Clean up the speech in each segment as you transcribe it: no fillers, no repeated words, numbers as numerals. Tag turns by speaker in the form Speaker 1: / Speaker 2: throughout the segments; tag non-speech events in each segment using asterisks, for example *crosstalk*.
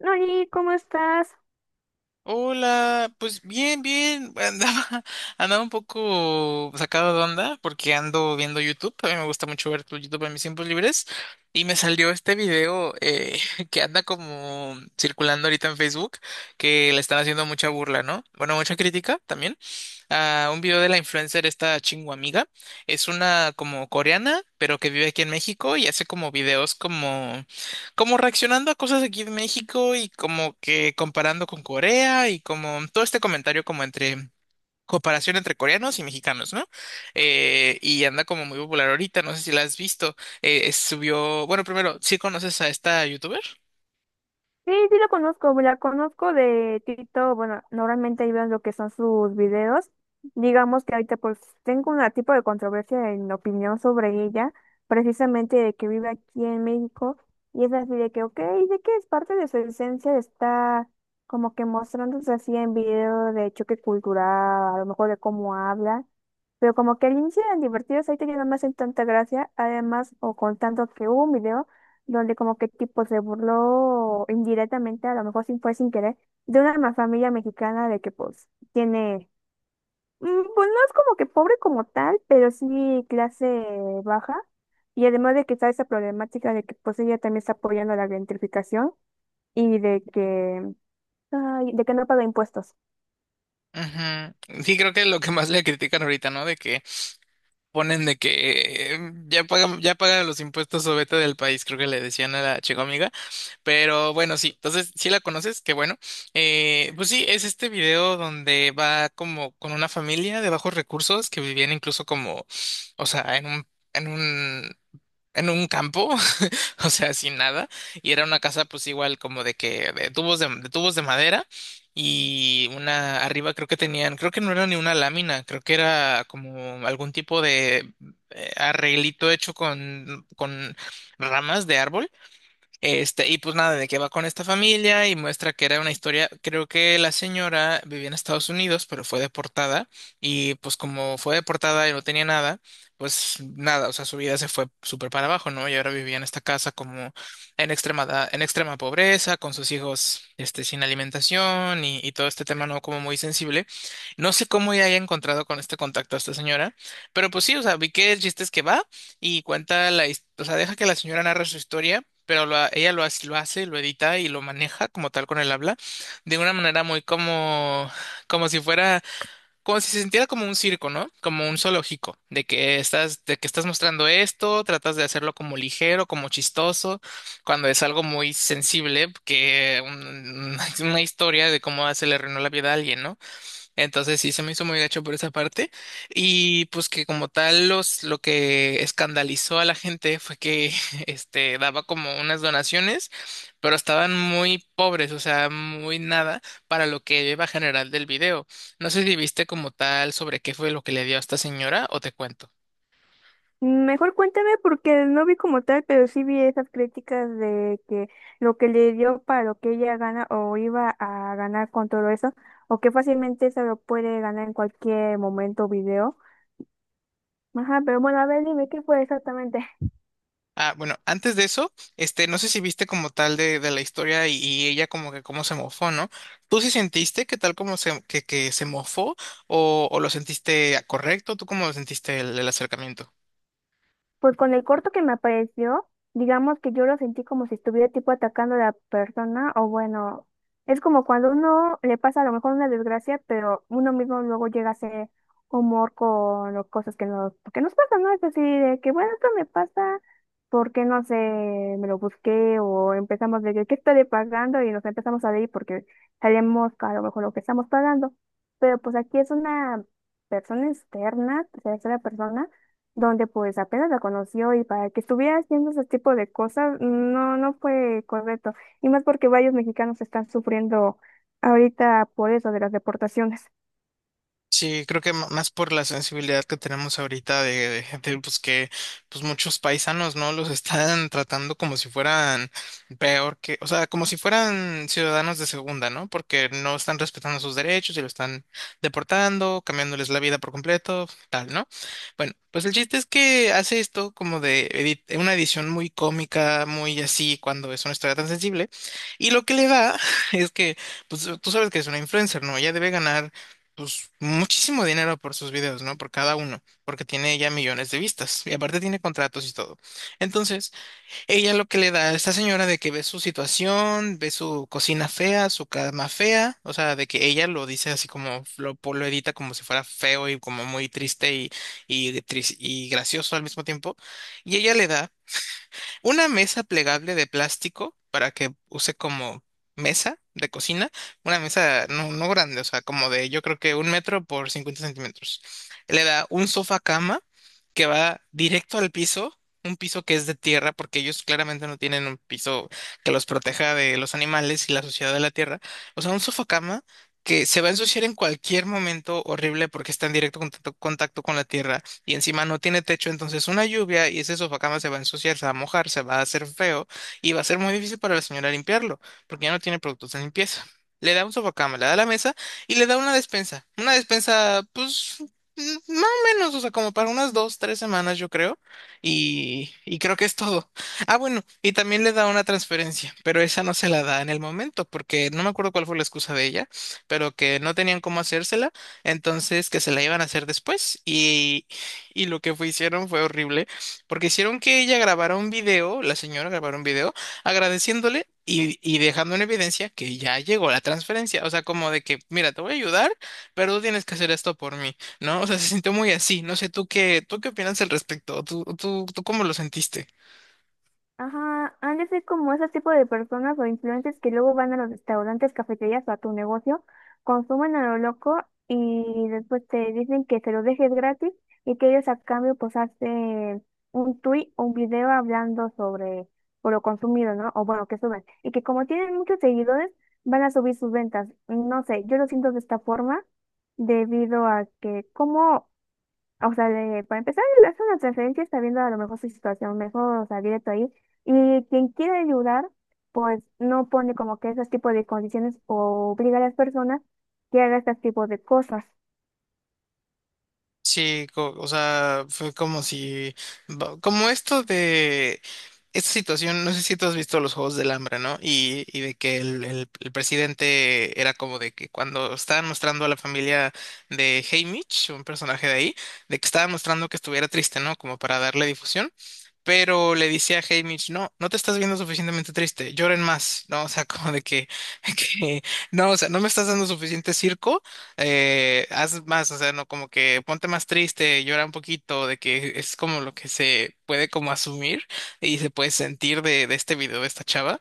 Speaker 1: Oli, ¿cómo estás?
Speaker 2: Hola, pues bien, bien. Andaba, *laughs* andaba un poco sacado de onda porque ando viendo YouTube. A mí me gusta mucho ver tu YouTube en mis tiempos libres. Y me salió este video *laughs* que anda como circulando ahorita en Facebook, que le están haciendo mucha burla, ¿no? Bueno, mucha crítica también. A un video de la influencer esta. Amiga. Es una como coreana, pero que vive aquí en México y hace como videos como reaccionando a cosas aquí de México y como que comparando con Corea y como todo este comentario como entre comparación entre coreanos y mexicanos, ¿no? Y anda como muy popular ahorita, no sé si la has visto. Subió, bueno, primero, ¿sí conoces a esta youtuber?
Speaker 1: Sí, sí lo conozco, la conozco de Tito, bueno, normalmente ahí veo lo que son sus videos. Digamos que ahorita pues tengo un tipo de controversia en opinión sobre ella, precisamente de que vive aquí en México, y es así de que, ok, de que es parte de su esencia, está como que mostrándose así en video de choque cultural, a lo mejor de cómo habla, pero como que al inicio eran divertidos, ahorita ya no me hacen tanta gracia, además, o contando que hubo un video donde como que tipo se burló indirectamente, a lo mejor sin fue sin querer, de una familia mexicana de que pues tiene, mm, pues no es como que pobre como tal, pero sí clase baja. Y además de que está esa problemática de que pues ella también está apoyando la gentrificación y de que, ay, de que no paga impuestos.
Speaker 2: Ujú. Sí, creo que es lo que más le critican ahorita, ¿no? De que ponen de que ya pagan los impuestos o vete del país, creo que le decían a la chica. Pero bueno, sí, entonces sí la conoces, qué bueno. Pues sí, es este video donde va como con una familia de bajos recursos que vivían incluso como, o sea, en un, en un campo, *laughs* o sea, sin nada. Y era una casa pues igual como de que, de tubos de madera y una arriba creo que tenían, creo que no era ni una lámina, creo que era como algún tipo de arreglito hecho con ramas de árbol este, y pues nada, de que va con esta familia y muestra que era una historia, creo que la señora vivía en Estados Unidos, pero fue deportada y pues como fue deportada y no tenía nada, pues nada, o sea, su vida se fue súper para abajo, ¿no? Y ahora vivía en esta casa como en extrema, en extrema pobreza, con sus hijos, este, sin alimentación y todo este tema, ¿no? Como muy sensible. No sé cómo ya haya encontrado con este contacto a esta señora, pero pues sí, o sea, vi que el chiste es que va y cuenta la, o sea, deja que la señora narre su historia pero ella lo hace, lo edita y lo maneja como tal con el habla, de una manera muy como, como si fuera, como si se sintiera como un circo, ¿no? Como un zoológico, de que estás mostrando esto, tratas de hacerlo como ligero, como chistoso, cuando es algo muy sensible, que *laughs* una historia de cómo se le arruinó la vida a alguien, ¿no? Entonces sí se me hizo muy gacho por esa parte. Y pues que como tal los lo que escandalizó a la gente fue que *laughs* este daba como unas donaciones, pero estaban muy pobres, o sea, muy nada para lo que iba general del video. No sé si viste como tal sobre qué fue lo que le dio a esta señora o te cuento.
Speaker 1: Mejor cuéntame porque no vi como tal, pero sí vi esas críticas de que lo que le dio para lo que ella gana o iba a ganar con todo eso, o que fácilmente se lo puede ganar en cualquier momento o video. Ajá, pero bueno, a ver, dime qué fue exactamente.
Speaker 2: Ah, bueno, antes de eso, este, no sé si viste como tal de la historia y ella como que cómo se mofó, ¿no? ¿Tú sí sentiste que tal como se, que se mofó o lo sentiste correcto? ¿Tú cómo lo sentiste el acercamiento?
Speaker 1: Pues con el corto que me apareció, digamos que yo lo sentí como si estuviera tipo atacando a la persona, o bueno, es como cuando uno le pasa a lo mejor una desgracia, pero uno mismo luego llega a hacer humor con las cosas que nos pasan, ¿no? Es así de que, bueno, esto me pasa porque no sé, me lo busqué, o empezamos de que, ¿qué estaré pagando? Y nos empezamos a reír porque sabemos que a lo mejor lo que estamos pagando. Pero pues aquí es una persona externa, tercera persona donde pues apenas la conoció y para que estuviera haciendo ese tipo de cosas, no, no fue correcto. Y más porque varios mexicanos están sufriendo ahorita por eso de las deportaciones.
Speaker 2: Sí, creo que más por la sensibilidad que tenemos ahorita de gente, pues que pues muchos paisanos, ¿no? Los *laughs* están tratando como si fueran peor que, o sea, como si fueran ciudadanos de segunda, ¿no? Porque no están respetando sus derechos y lo están deportando, cambiándoles la vida por completo, tal, ¿no? Bueno, pues el chiste es que hace esto como de una edición muy cómica, muy así, cuando es una historia tan sensible, y lo que le da *laughs* es que, pues tú sabes que es una influencer, ¿no? Ella debe ganar pues muchísimo dinero por sus videos, ¿no? Por cada uno, porque tiene ya millones de vistas y aparte tiene contratos y todo. Entonces, ella lo que le da a esta señora de que ve su situación, ve su cocina fea, su cama fea, o sea, de que ella lo dice así como lo edita como si fuera feo y como muy triste y gracioso al mismo tiempo, y ella le da una mesa plegable de plástico para que use como mesa de cocina. Una mesa no, no grande, o sea, como de yo creo que un metro por 50 centímetros. Le da un sofá cama que va directo al piso, un piso que es de tierra, porque ellos claramente no tienen un piso que los proteja de los animales y la suciedad de la tierra. O sea, un sofá cama que se va a ensuciar en cualquier momento horrible porque está en directo contacto con la tierra y encima no tiene techo, entonces una lluvia y ese sofacama se va a ensuciar, se va a mojar, se va a hacer feo y va a ser muy difícil para la señora limpiarlo, porque ya no tiene productos de limpieza. Le da un sofacama, le da la mesa y le da una despensa. Una despensa, pues, mm, más o menos, o sea, como para unas dos, tres semanas, yo creo. Y creo que es todo. Ah, bueno, y también le da una transferencia, pero esa no se la da en el momento, porque no me acuerdo cuál fue la excusa de ella, pero que no tenían cómo hacérsela, entonces que se la iban a hacer después. Y lo que hicieron fue horrible, porque hicieron que ella grabara un video, la señora grabara un video, agradeciéndole y dejando en evidencia que ya llegó la transferencia, o sea, como de que, mira, te voy a ayudar, pero tú tienes que hacer esto por mí, ¿no? O sea, se sintió muy así, no sé, tú qué opinas al respecto? ¿Tú cómo lo sentiste?
Speaker 1: Ajá, han de ser como ese tipo de personas o influencers que luego van a los restaurantes, cafeterías o a tu negocio, consumen a lo loco y después te dicen que se lo dejes gratis y que ellos a cambio pues hacen un tweet o un video hablando sobre por lo consumido, ¿no? O bueno, que suben. Y que como tienen muchos seguidores, van a subir sus ventas. No sé, yo lo siento de esta forma debido a que como, o sea, para empezar, le hace una transferencia, está viendo a lo mejor su situación mejor, o sea, directo ahí. Y quien quiere ayudar, pues no pone como que esos tipos de condiciones o obliga a las personas que haga este tipo de cosas.
Speaker 2: Sí, o sea, fue como si, como esto de esta situación, no sé si tú has visto Los Juegos del Hambre, ¿no? Y de que el presidente era como de que cuando estaban mostrando a la familia de Haymitch, un personaje de ahí, de que estaban mostrando que estuviera triste, ¿no? Como para darle difusión. Pero le decía a Haymitch, no, no te estás viendo suficientemente triste, lloren más, ¿no? O sea, *laughs* como de que, *laughs* que no, o sea, no me estás dando suficiente circo, haz más, o sea, no, como que ponte más triste, llora un poquito, de que es como lo que se puede como asumir y se puede sentir de este video de esta chava.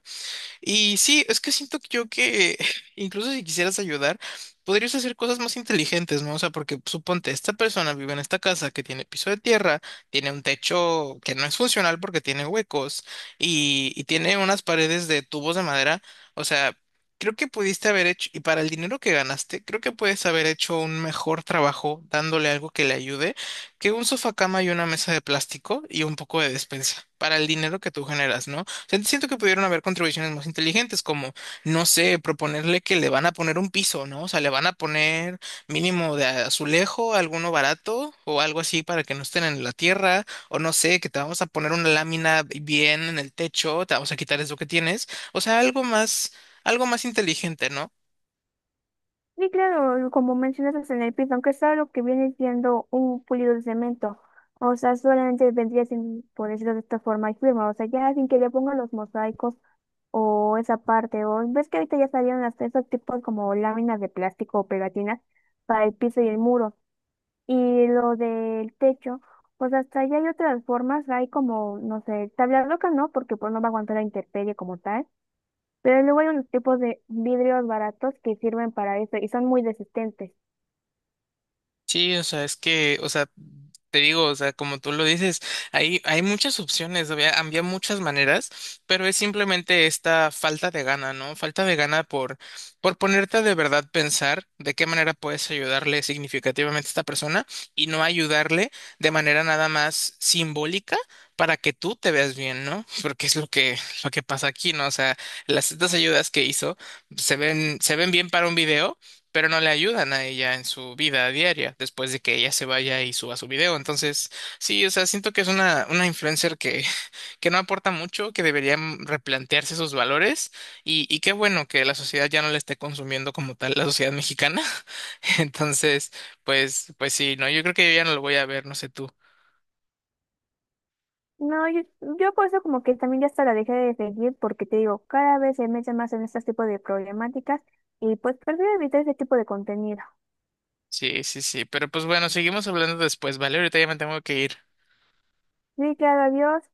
Speaker 2: Y sí, es que siento que yo que *laughs* incluso si quisieras ayudar, podrías hacer cosas más inteligentes, ¿no? O sea, porque suponte, esta persona vive en esta casa que tiene piso de tierra, tiene un techo que no es funcional porque tiene huecos y tiene unas paredes de tubos de madera. O sea, creo que pudiste haber hecho, y para el dinero que ganaste, creo que puedes haber hecho un mejor trabajo dándole algo que le ayude que un sofá cama y una mesa de plástico y un poco de despensa para el dinero que tú generas, ¿no? Sea, siento que pudieron haber contribuciones más inteligentes, como, no sé, proponerle que le van a poner un piso, ¿no? O sea, le van a poner mínimo de azulejo, alguno barato o algo así para que no estén en la tierra, o no sé, que te vamos a poner una lámina bien en el techo, te vamos a quitar eso que tienes, o sea, algo más inteligente, ¿no?
Speaker 1: Y claro, como mencionas en el piso, aunque es algo que viene siendo un pulido de cemento, o sea, solamente vendría sin, por decirlo de esta forma, y firma, o sea, ya sin que le pongan los mosaicos. O esa parte, o ves que ahorita ya salieron hasta esos tipos como láminas de plástico o pegatinas para el piso y el muro. Y lo del techo, pues hasta allá hay otras formas, hay como, no sé, tabla roca no, porque pues no va a aguantar la intemperie como tal, pero luego hay unos tipos de vidrios baratos que sirven para eso y son muy resistentes.
Speaker 2: Sí, o sea, es que, o sea, te digo, o sea, como tú lo dices, hay muchas opciones, había, había muchas maneras, pero es simplemente esta falta de gana, ¿no? Falta de gana por ponerte a de verdad pensar de qué manera puedes ayudarle significativamente a esta persona y no ayudarle de manera nada más simbólica para que tú te veas bien, ¿no? *laughs* Porque es lo que pasa aquí, ¿no? O sea, las estas ayudas que hizo se ven bien para un video pero no le ayudan a ella en su vida diaria después de que ella se vaya y suba su video. Entonces, sí, o sea, siento que es una influencer que, *laughs* que no aporta mucho, que debería replantearse sus valores y qué bueno que la sociedad ya no la esté consumiendo como tal, la sociedad mexicana. *laughs* Entonces, pues, pues sí, no, yo creo que yo ya no lo voy a ver, no sé tú.
Speaker 1: No, yo por eso como que también ya hasta la dejé de seguir porque te digo, cada vez se mete más en este tipo de problemáticas y pues prefiero evitar ese tipo de contenido.
Speaker 2: Sí, sí, sí, pero pues bueno, seguimos hablando después, ¿vale? Ahorita ya me tengo que ir.
Speaker 1: Sí, claro, adiós.